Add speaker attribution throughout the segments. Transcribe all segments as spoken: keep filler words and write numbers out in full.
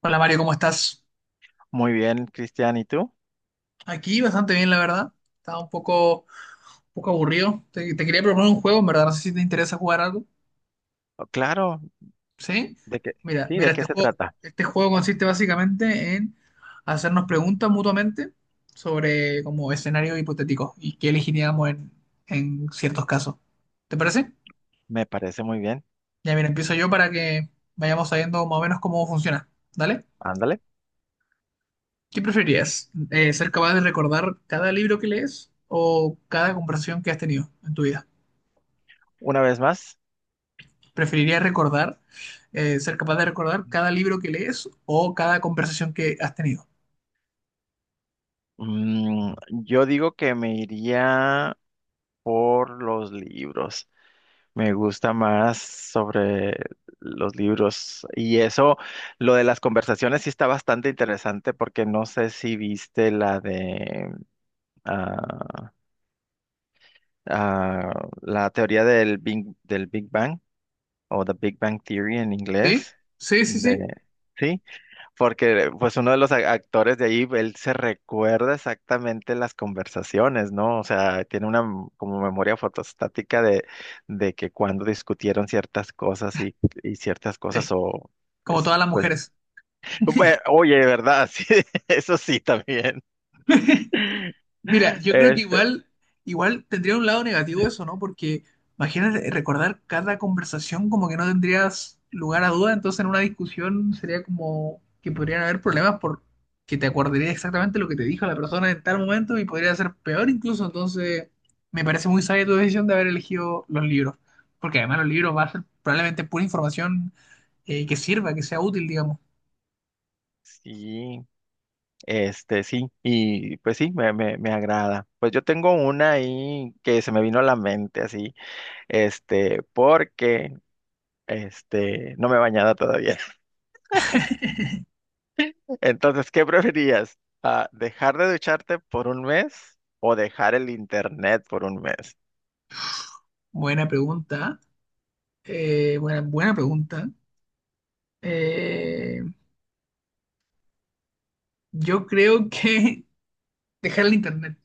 Speaker 1: Hola Mario, ¿cómo estás?
Speaker 2: Muy bien, Cristian, ¿y tú?
Speaker 1: Aquí bastante bien, la verdad. Estaba un poco, un poco aburrido. Te, te quería proponer un juego, en verdad. No sé si te interesa jugar algo.
Speaker 2: Oh, claro,
Speaker 1: ¿Sí?
Speaker 2: ¿de qué?
Speaker 1: Mira,
Speaker 2: Sí, ¿de
Speaker 1: mira, este
Speaker 2: qué se
Speaker 1: juego,
Speaker 2: trata?
Speaker 1: este juego consiste básicamente en hacernos preguntas mutuamente sobre como escenarios hipotéticos y qué elegiríamos en, en ciertos casos. ¿Te parece?
Speaker 2: Me parece muy bien.
Speaker 1: Ya, mira, empiezo yo para que vayamos sabiendo más o menos cómo funciona. ¿Dale?
Speaker 2: Ándale.
Speaker 1: ¿Qué preferirías? Eh, ¿ser capaz de recordar cada libro que lees o cada conversación que has tenido en tu vida?
Speaker 2: Una vez más,
Speaker 1: Preferiría recordar, eh, ser capaz de recordar cada libro que lees o cada conversación que has tenido.
Speaker 2: mm, yo digo que me iría por los libros. Me gusta más sobre los libros. Y eso, lo de las conversaciones sí está bastante interesante porque no sé si viste la de ah, ah, la teoría del Big, del Big Bang. O The Big Bang Theory en
Speaker 1: ¿Sí?
Speaker 2: inglés,
Speaker 1: Sí, sí, sí.
Speaker 2: de, sí, porque pues uno de los a- actores de ahí, él se recuerda exactamente las conversaciones, ¿no? O sea, tiene una m- como memoria fotostática de, de que cuando discutieron ciertas cosas y, y ciertas
Speaker 1: Eh,
Speaker 2: cosas o...
Speaker 1: como
Speaker 2: es,
Speaker 1: todas las
Speaker 2: Pues,
Speaker 1: mujeres.
Speaker 2: bue- oye, ¿verdad? Sí, eso sí también.
Speaker 1: Mira, yo creo que
Speaker 2: Este,
Speaker 1: igual, igual tendría un lado negativo eso, ¿no? Porque imagínate recordar cada conversación, como que no tendrías lugar a duda, entonces en una discusión sería como que podrían haber problemas por que te acordarías exactamente lo que te dijo la persona en tal momento y podría ser peor incluso. Entonces me parece muy sabia tu decisión de haber elegido los libros, porque además los libros va a ser probablemente pura información, eh, que sirva, que sea útil, digamos.
Speaker 2: sí, este, sí, y pues sí, me, me, me agrada. Pues yo tengo una ahí que se me vino a la mente así este, porque este, no me he bañado todavía. Entonces, ¿qué preferirías? Ah, ¿dejar de ducharte por un mes o dejar el internet por un mes?
Speaker 1: Buena pregunta, eh, buena, buena pregunta. Eh, Yo creo que dejar el internet.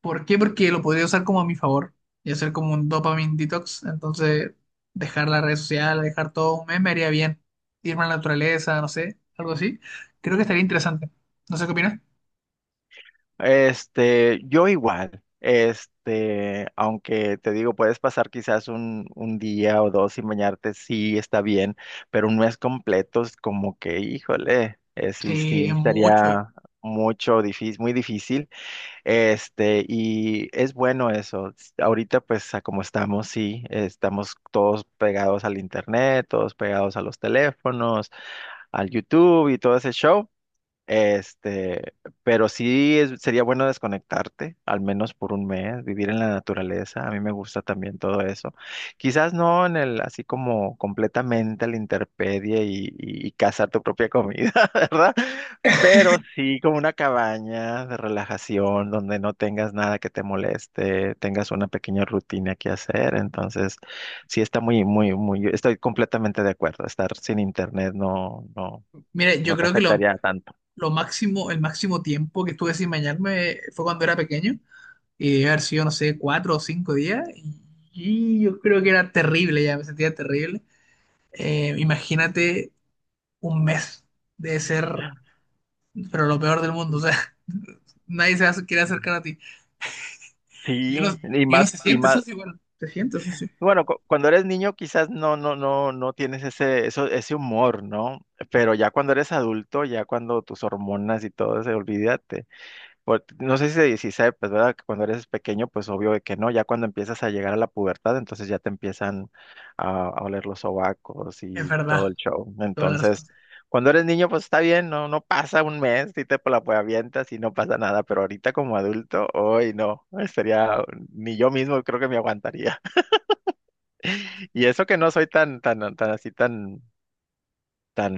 Speaker 1: ¿Por qué? Porque lo podría usar como a mi favor y hacer como un dopamine detox. Entonces, dejar la red social, dejar todo un mes me haría bien. Irme a la naturaleza, no sé, algo así. Creo que estaría interesante. No sé qué opinas.
Speaker 2: Este, yo igual, este, aunque te digo, puedes pasar quizás un, un día o dos sin bañarte, sí está bien, pero un mes completo es como que, híjole, eh, sí,
Speaker 1: Sí,
Speaker 2: sí,
Speaker 1: es mucho.
Speaker 2: estaría mucho difícil, muy difícil. Este, y es bueno eso. S- Ahorita, pues, a como estamos, sí, estamos todos pegados al internet, todos pegados a los teléfonos, al YouTube y todo ese show. Este, pero sí es- sería bueno desconectarte, al menos por un mes, vivir en la naturaleza. A mí me gusta también todo eso. Quizás no en el, así como completamente a la intemperie y, y, y cazar tu propia comida, ¿verdad? Pero sí como una cabaña de relajación donde no tengas nada que te moleste, tengas una pequeña rutina que hacer. Entonces, sí está muy, muy, muy, estoy completamente de acuerdo. Estar sin internet no, no,
Speaker 1: Mira, yo
Speaker 2: no te
Speaker 1: creo que lo,
Speaker 2: afectaría tanto.
Speaker 1: lo máximo, el máximo tiempo que estuve sin bañarme fue cuando era pequeño y debe haber sido, no sé, cuatro o cinco días. Y, y yo creo que era terrible ya, me sentía terrible. Eh, imagínate un mes de ser, pero lo peor del mundo, o sea, nadie se hace- quiere acercar a ti. Y uno,
Speaker 2: Sí, y
Speaker 1: y uno
Speaker 2: más,
Speaker 1: se
Speaker 2: y
Speaker 1: siente
Speaker 2: más,
Speaker 1: sucio, bueno, se siente sucio.
Speaker 2: bueno, cu- cuando eres niño quizás no, no, no, no tienes ese, eso, ese humor, ¿no? Pero ya cuando eres adulto, ya cuando tus hormonas y todo se olvídate. Por- no sé si de dieciséis pues, ¿verdad? Que cuando eres pequeño, pues obvio de que no. Ya cuando empiezas a llegar a la pubertad, entonces ya te empiezan a, a oler los sobacos
Speaker 1: Es
Speaker 2: y todo
Speaker 1: verdad,
Speaker 2: el show.
Speaker 1: toda la razón.
Speaker 2: Entonces, cuando eres niño, pues está bien, no, no pasa un mes, si te la pues, avientas y no pasa nada. Pero ahorita como adulto, hoy no, sería, ni yo mismo creo que me aguantaría. Y eso que no soy tan, tan, tan así, tan, tan,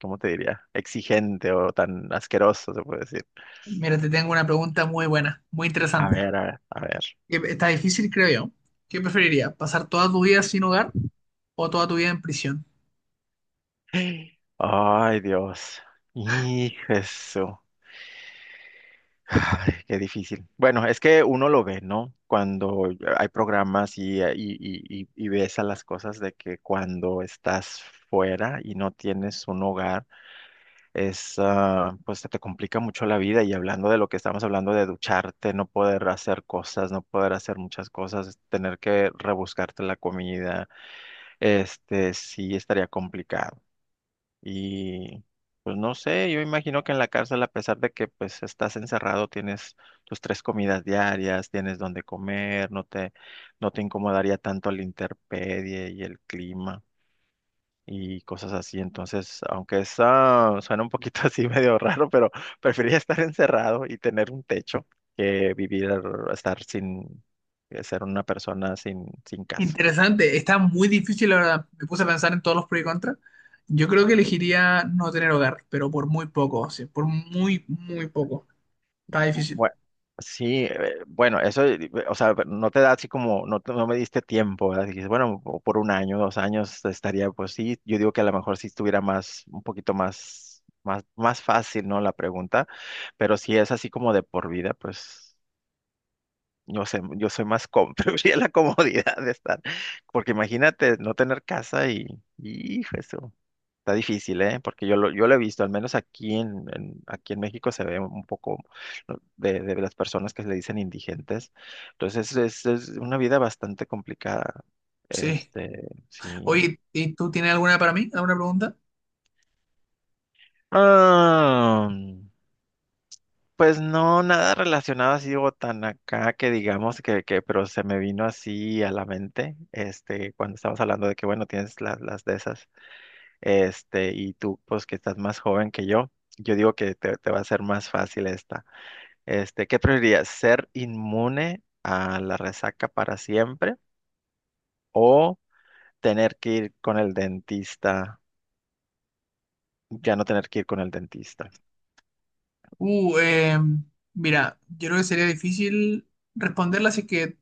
Speaker 2: ¿cómo te diría? Exigente o tan asqueroso, se puede decir.
Speaker 1: Mira, te tengo una pregunta muy buena, muy
Speaker 2: A
Speaker 1: interesante.
Speaker 2: ver, a ver, a ver.
Speaker 1: Que Está difícil, creo yo. ¿Qué preferiría ¿Pasar toda tu vida sin hogar o toda tu vida en prisión?
Speaker 2: Ay, Dios. Hijo, eso. Ay, qué difícil. Bueno, es que uno lo ve, ¿no? Cuando hay programas y, eh, y, y, y y ves a las cosas de que cuando estás fuera y no tienes un hogar, es, ah, pues se te complica mucho la vida. Y hablando de lo que estamos hablando de ducharte, no poder hacer cosas, no poder hacer muchas cosas, tener que rebuscarte la comida, este, sí estaría complicado. Y pues no sé, yo imagino que en la cárcel, a pesar de que pues estás encerrado, tienes tus tres comidas diarias, tienes donde comer, no te, no te incomodaría tanto la intemperie y el clima y cosas así. Entonces, aunque eso suena un poquito así medio raro, pero preferiría estar encerrado y tener un techo que vivir, estar sin, ser una persona sin, sin casa.
Speaker 1: Interesante, está muy difícil, la verdad. Me puse a pensar en todos los pros y contras. Yo creo que elegiría no tener hogar, pero por muy poco, sí, por muy, muy poco. Está difícil.
Speaker 2: Bueno, sí, eh, bueno, eso, eh, o sea, no te da así como, no, te- no me diste tiempo, ¿verdad? Dijiste, bueno, o por un año, dos años estaría, pues sí, yo digo que a lo mejor sí estuviera más, un poquito más, más, más fácil, ¿no? La pregunta, pero si es así como de por vida, pues no sé, yo soy más cómodo, preferiría la comodidad de estar, porque imagínate no tener casa y, y, hijo, eso está difícil, ¿eh? Porque yo lo, yo lo he visto, al menos aquí en, en- aquí en México se ve un poco ¿no? de, de las personas que le dicen indigentes. Entonces es, es una vida bastante complicada.
Speaker 1: Sí.
Speaker 2: Este, sí.
Speaker 1: Oye, ¿y tú tienes alguna para mí? ¿Alguna pregunta?
Speaker 2: Ah, pues no, nada relacionado así digo tan acá que digamos que, que, pero se me vino así a la mente, este, cuando estábamos hablando de que, bueno, tienes las, las de esas, este, y tú, pues que estás más joven que yo, yo digo que te, te va a ser más fácil esta. Este, ¿qué preferirías? ¿Ser inmune a la resaca para siempre o tener que ir con el dentista, ya no tener que ir con el dentista?
Speaker 1: Uh, eh, mira, yo creo que sería difícil responderla así que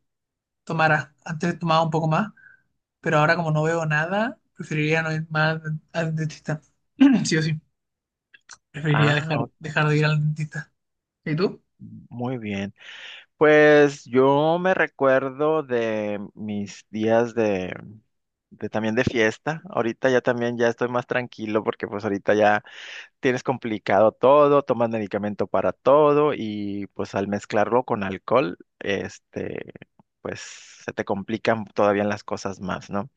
Speaker 1: tomara. Antes tomaba un poco más, pero ahora como no veo nada, preferiría no ir más al dentista. Sí o sí, preferiría
Speaker 2: Ah,
Speaker 1: dejar,
Speaker 2: ok,
Speaker 1: dejar de ir al dentista. ¿Y tú?
Speaker 2: muy bien. Pues yo me recuerdo de mis días de, de también de fiesta. Ahorita ya también ya estoy más tranquilo porque pues ahorita ya tienes complicado todo, tomas medicamento para todo y pues al mezclarlo con alcohol, este, pues se te complican todavía las cosas más, ¿no?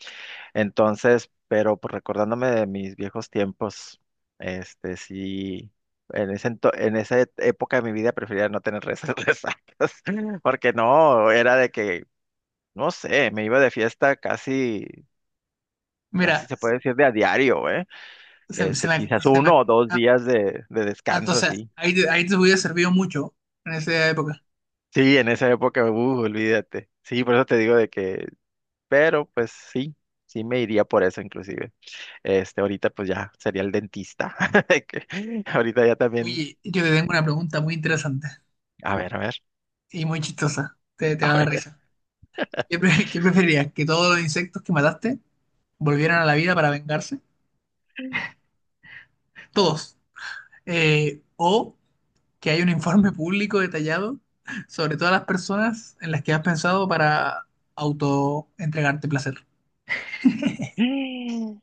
Speaker 2: Entonces, pero pues, recordándome de mis viejos tiempos, este sí, en ese ento- en esa et- época de mi vida prefería no tener res- resacas, porque no, era de que, no sé, me iba de fiesta casi, casi
Speaker 1: Mira,
Speaker 2: se puede decir de a diario, ¿eh?
Speaker 1: se, se
Speaker 2: Este,
Speaker 1: me,
Speaker 2: quizás
Speaker 1: se me-
Speaker 2: uno o dos días de, de
Speaker 1: ah,
Speaker 2: descanso
Speaker 1: entonces,
Speaker 2: así.
Speaker 1: ahí, te- ahí te hubiera servido mucho en esa época.
Speaker 2: Sí, en esa época, uh, olvídate. Sí, por eso te digo de que, pero pues sí, sí me iría por eso inclusive. Este, ahorita pues ya sería el dentista. Que ahorita ya también.
Speaker 1: Oye, yo te tengo una pregunta muy interesante
Speaker 2: A ver, a ver,
Speaker 1: y muy chistosa. Te, te va a dar
Speaker 2: a
Speaker 1: risa. ¿Qué, pre- ¿qué preferirías? ¿Que todos los insectos que mataste volvieran a la vida para vengarse? Todos. Eh, ¿o que haya un informe público detallado sobre todas las personas en las que has pensado para auto-entregarte placer?
Speaker 2: ver.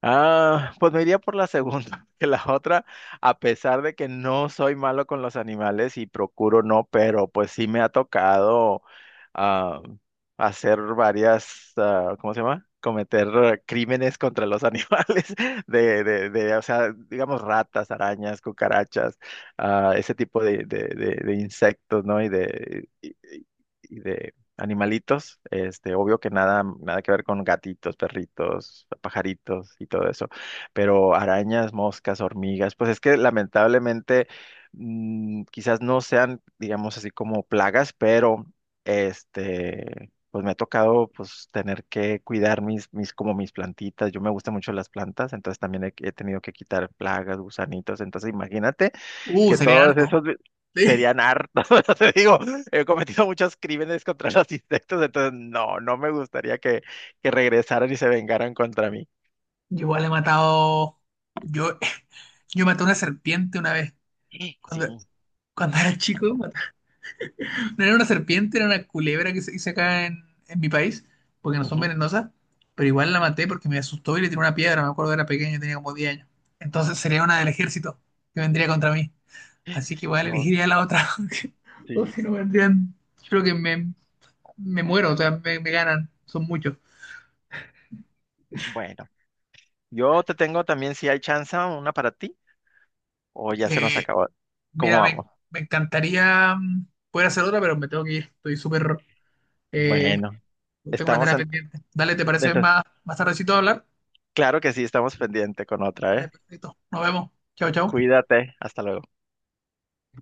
Speaker 2: Ah, pues me iría por la segunda, que la otra, a pesar de que no soy malo con los animales y procuro no, pero pues sí me ha tocado ah, hacer varias, ah, ¿cómo se llama? Cometer eh, crímenes contra los animales, de, de, de, o sea, digamos ratas, arañas, cucarachas, ah, ese tipo de, de, de, de insectos, ¿no? Y de, y, y- y de animalitos, este, obvio que nada, nada que ver con gatitos, perritos, pajaritos y todo eso, pero arañas, moscas, hormigas, pues es que lamentablemente mm, quizás no sean, digamos así como plagas, pero este, pues me ha tocado pues tener que cuidar mis, mis, como mis plantitas, yo me gustan mucho las plantas, entonces también he, he tenido que quitar plagas, gusanitos, entonces imagínate
Speaker 1: Uh,
Speaker 2: que
Speaker 1: sería
Speaker 2: todos
Speaker 1: harto.
Speaker 2: esos
Speaker 1: Sí.
Speaker 2: serían hartos. O sea, te digo, he cometido muchos crímenes contra los insectos, entonces no, no me gustaría que, que regresaran y se vengaran contra mí.
Speaker 1: Yo igual he matado... Yo, yo maté una serpiente una vez. Cuando,
Speaker 2: Sí,
Speaker 1: cuando era chico, no era una serpiente, era una culebra, que se dice acá en, en mi país, porque no son
Speaker 2: ujú,
Speaker 1: venenosas, pero igual la maté porque me asustó y le tiré una piedra. Me acuerdo era pequeño, tenía como diez años. Entonces sería una del ejército que vendría contra mí. Así que igual
Speaker 2: no,
Speaker 1: elegiría la otra, porque... o
Speaker 2: sí.
Speaker 1: si no vendrían, yo creo que me, me muero, o sea, me, me ganan, son muchos.
Speaker 2: Bueno, yo te tengo también, si hay chance, una para ti, o ya se nos
Speaker 1: Eh,
Speaker 2: acabó. ¿Cómo
Speaker 1: mira, me,
Speaker 2: vamos?
Speaker 1: me encantaría, mm, poder hacer otra, pero me tengo que ir. Estoy súper... eh,
Speaker 2: Bueno,
Speaker 1: tengo una
Speaker 2: estamos
Speaker 1: tarea
Speaker 2: en...
Speaker 1: pendiente. Dale, ¿te parece
Speaker 2: Entonces,
Speaker 1: más, más tardecito hablar?
Speaker 2: claro que sí, estamos pendiente con otra,
Speaker 1: Vale,
Speaker 2: ¿eh?
Speaker 1: perfecto. Nos vemos. Chao, chao.
Speaker 2: Cuídate, hasta luego.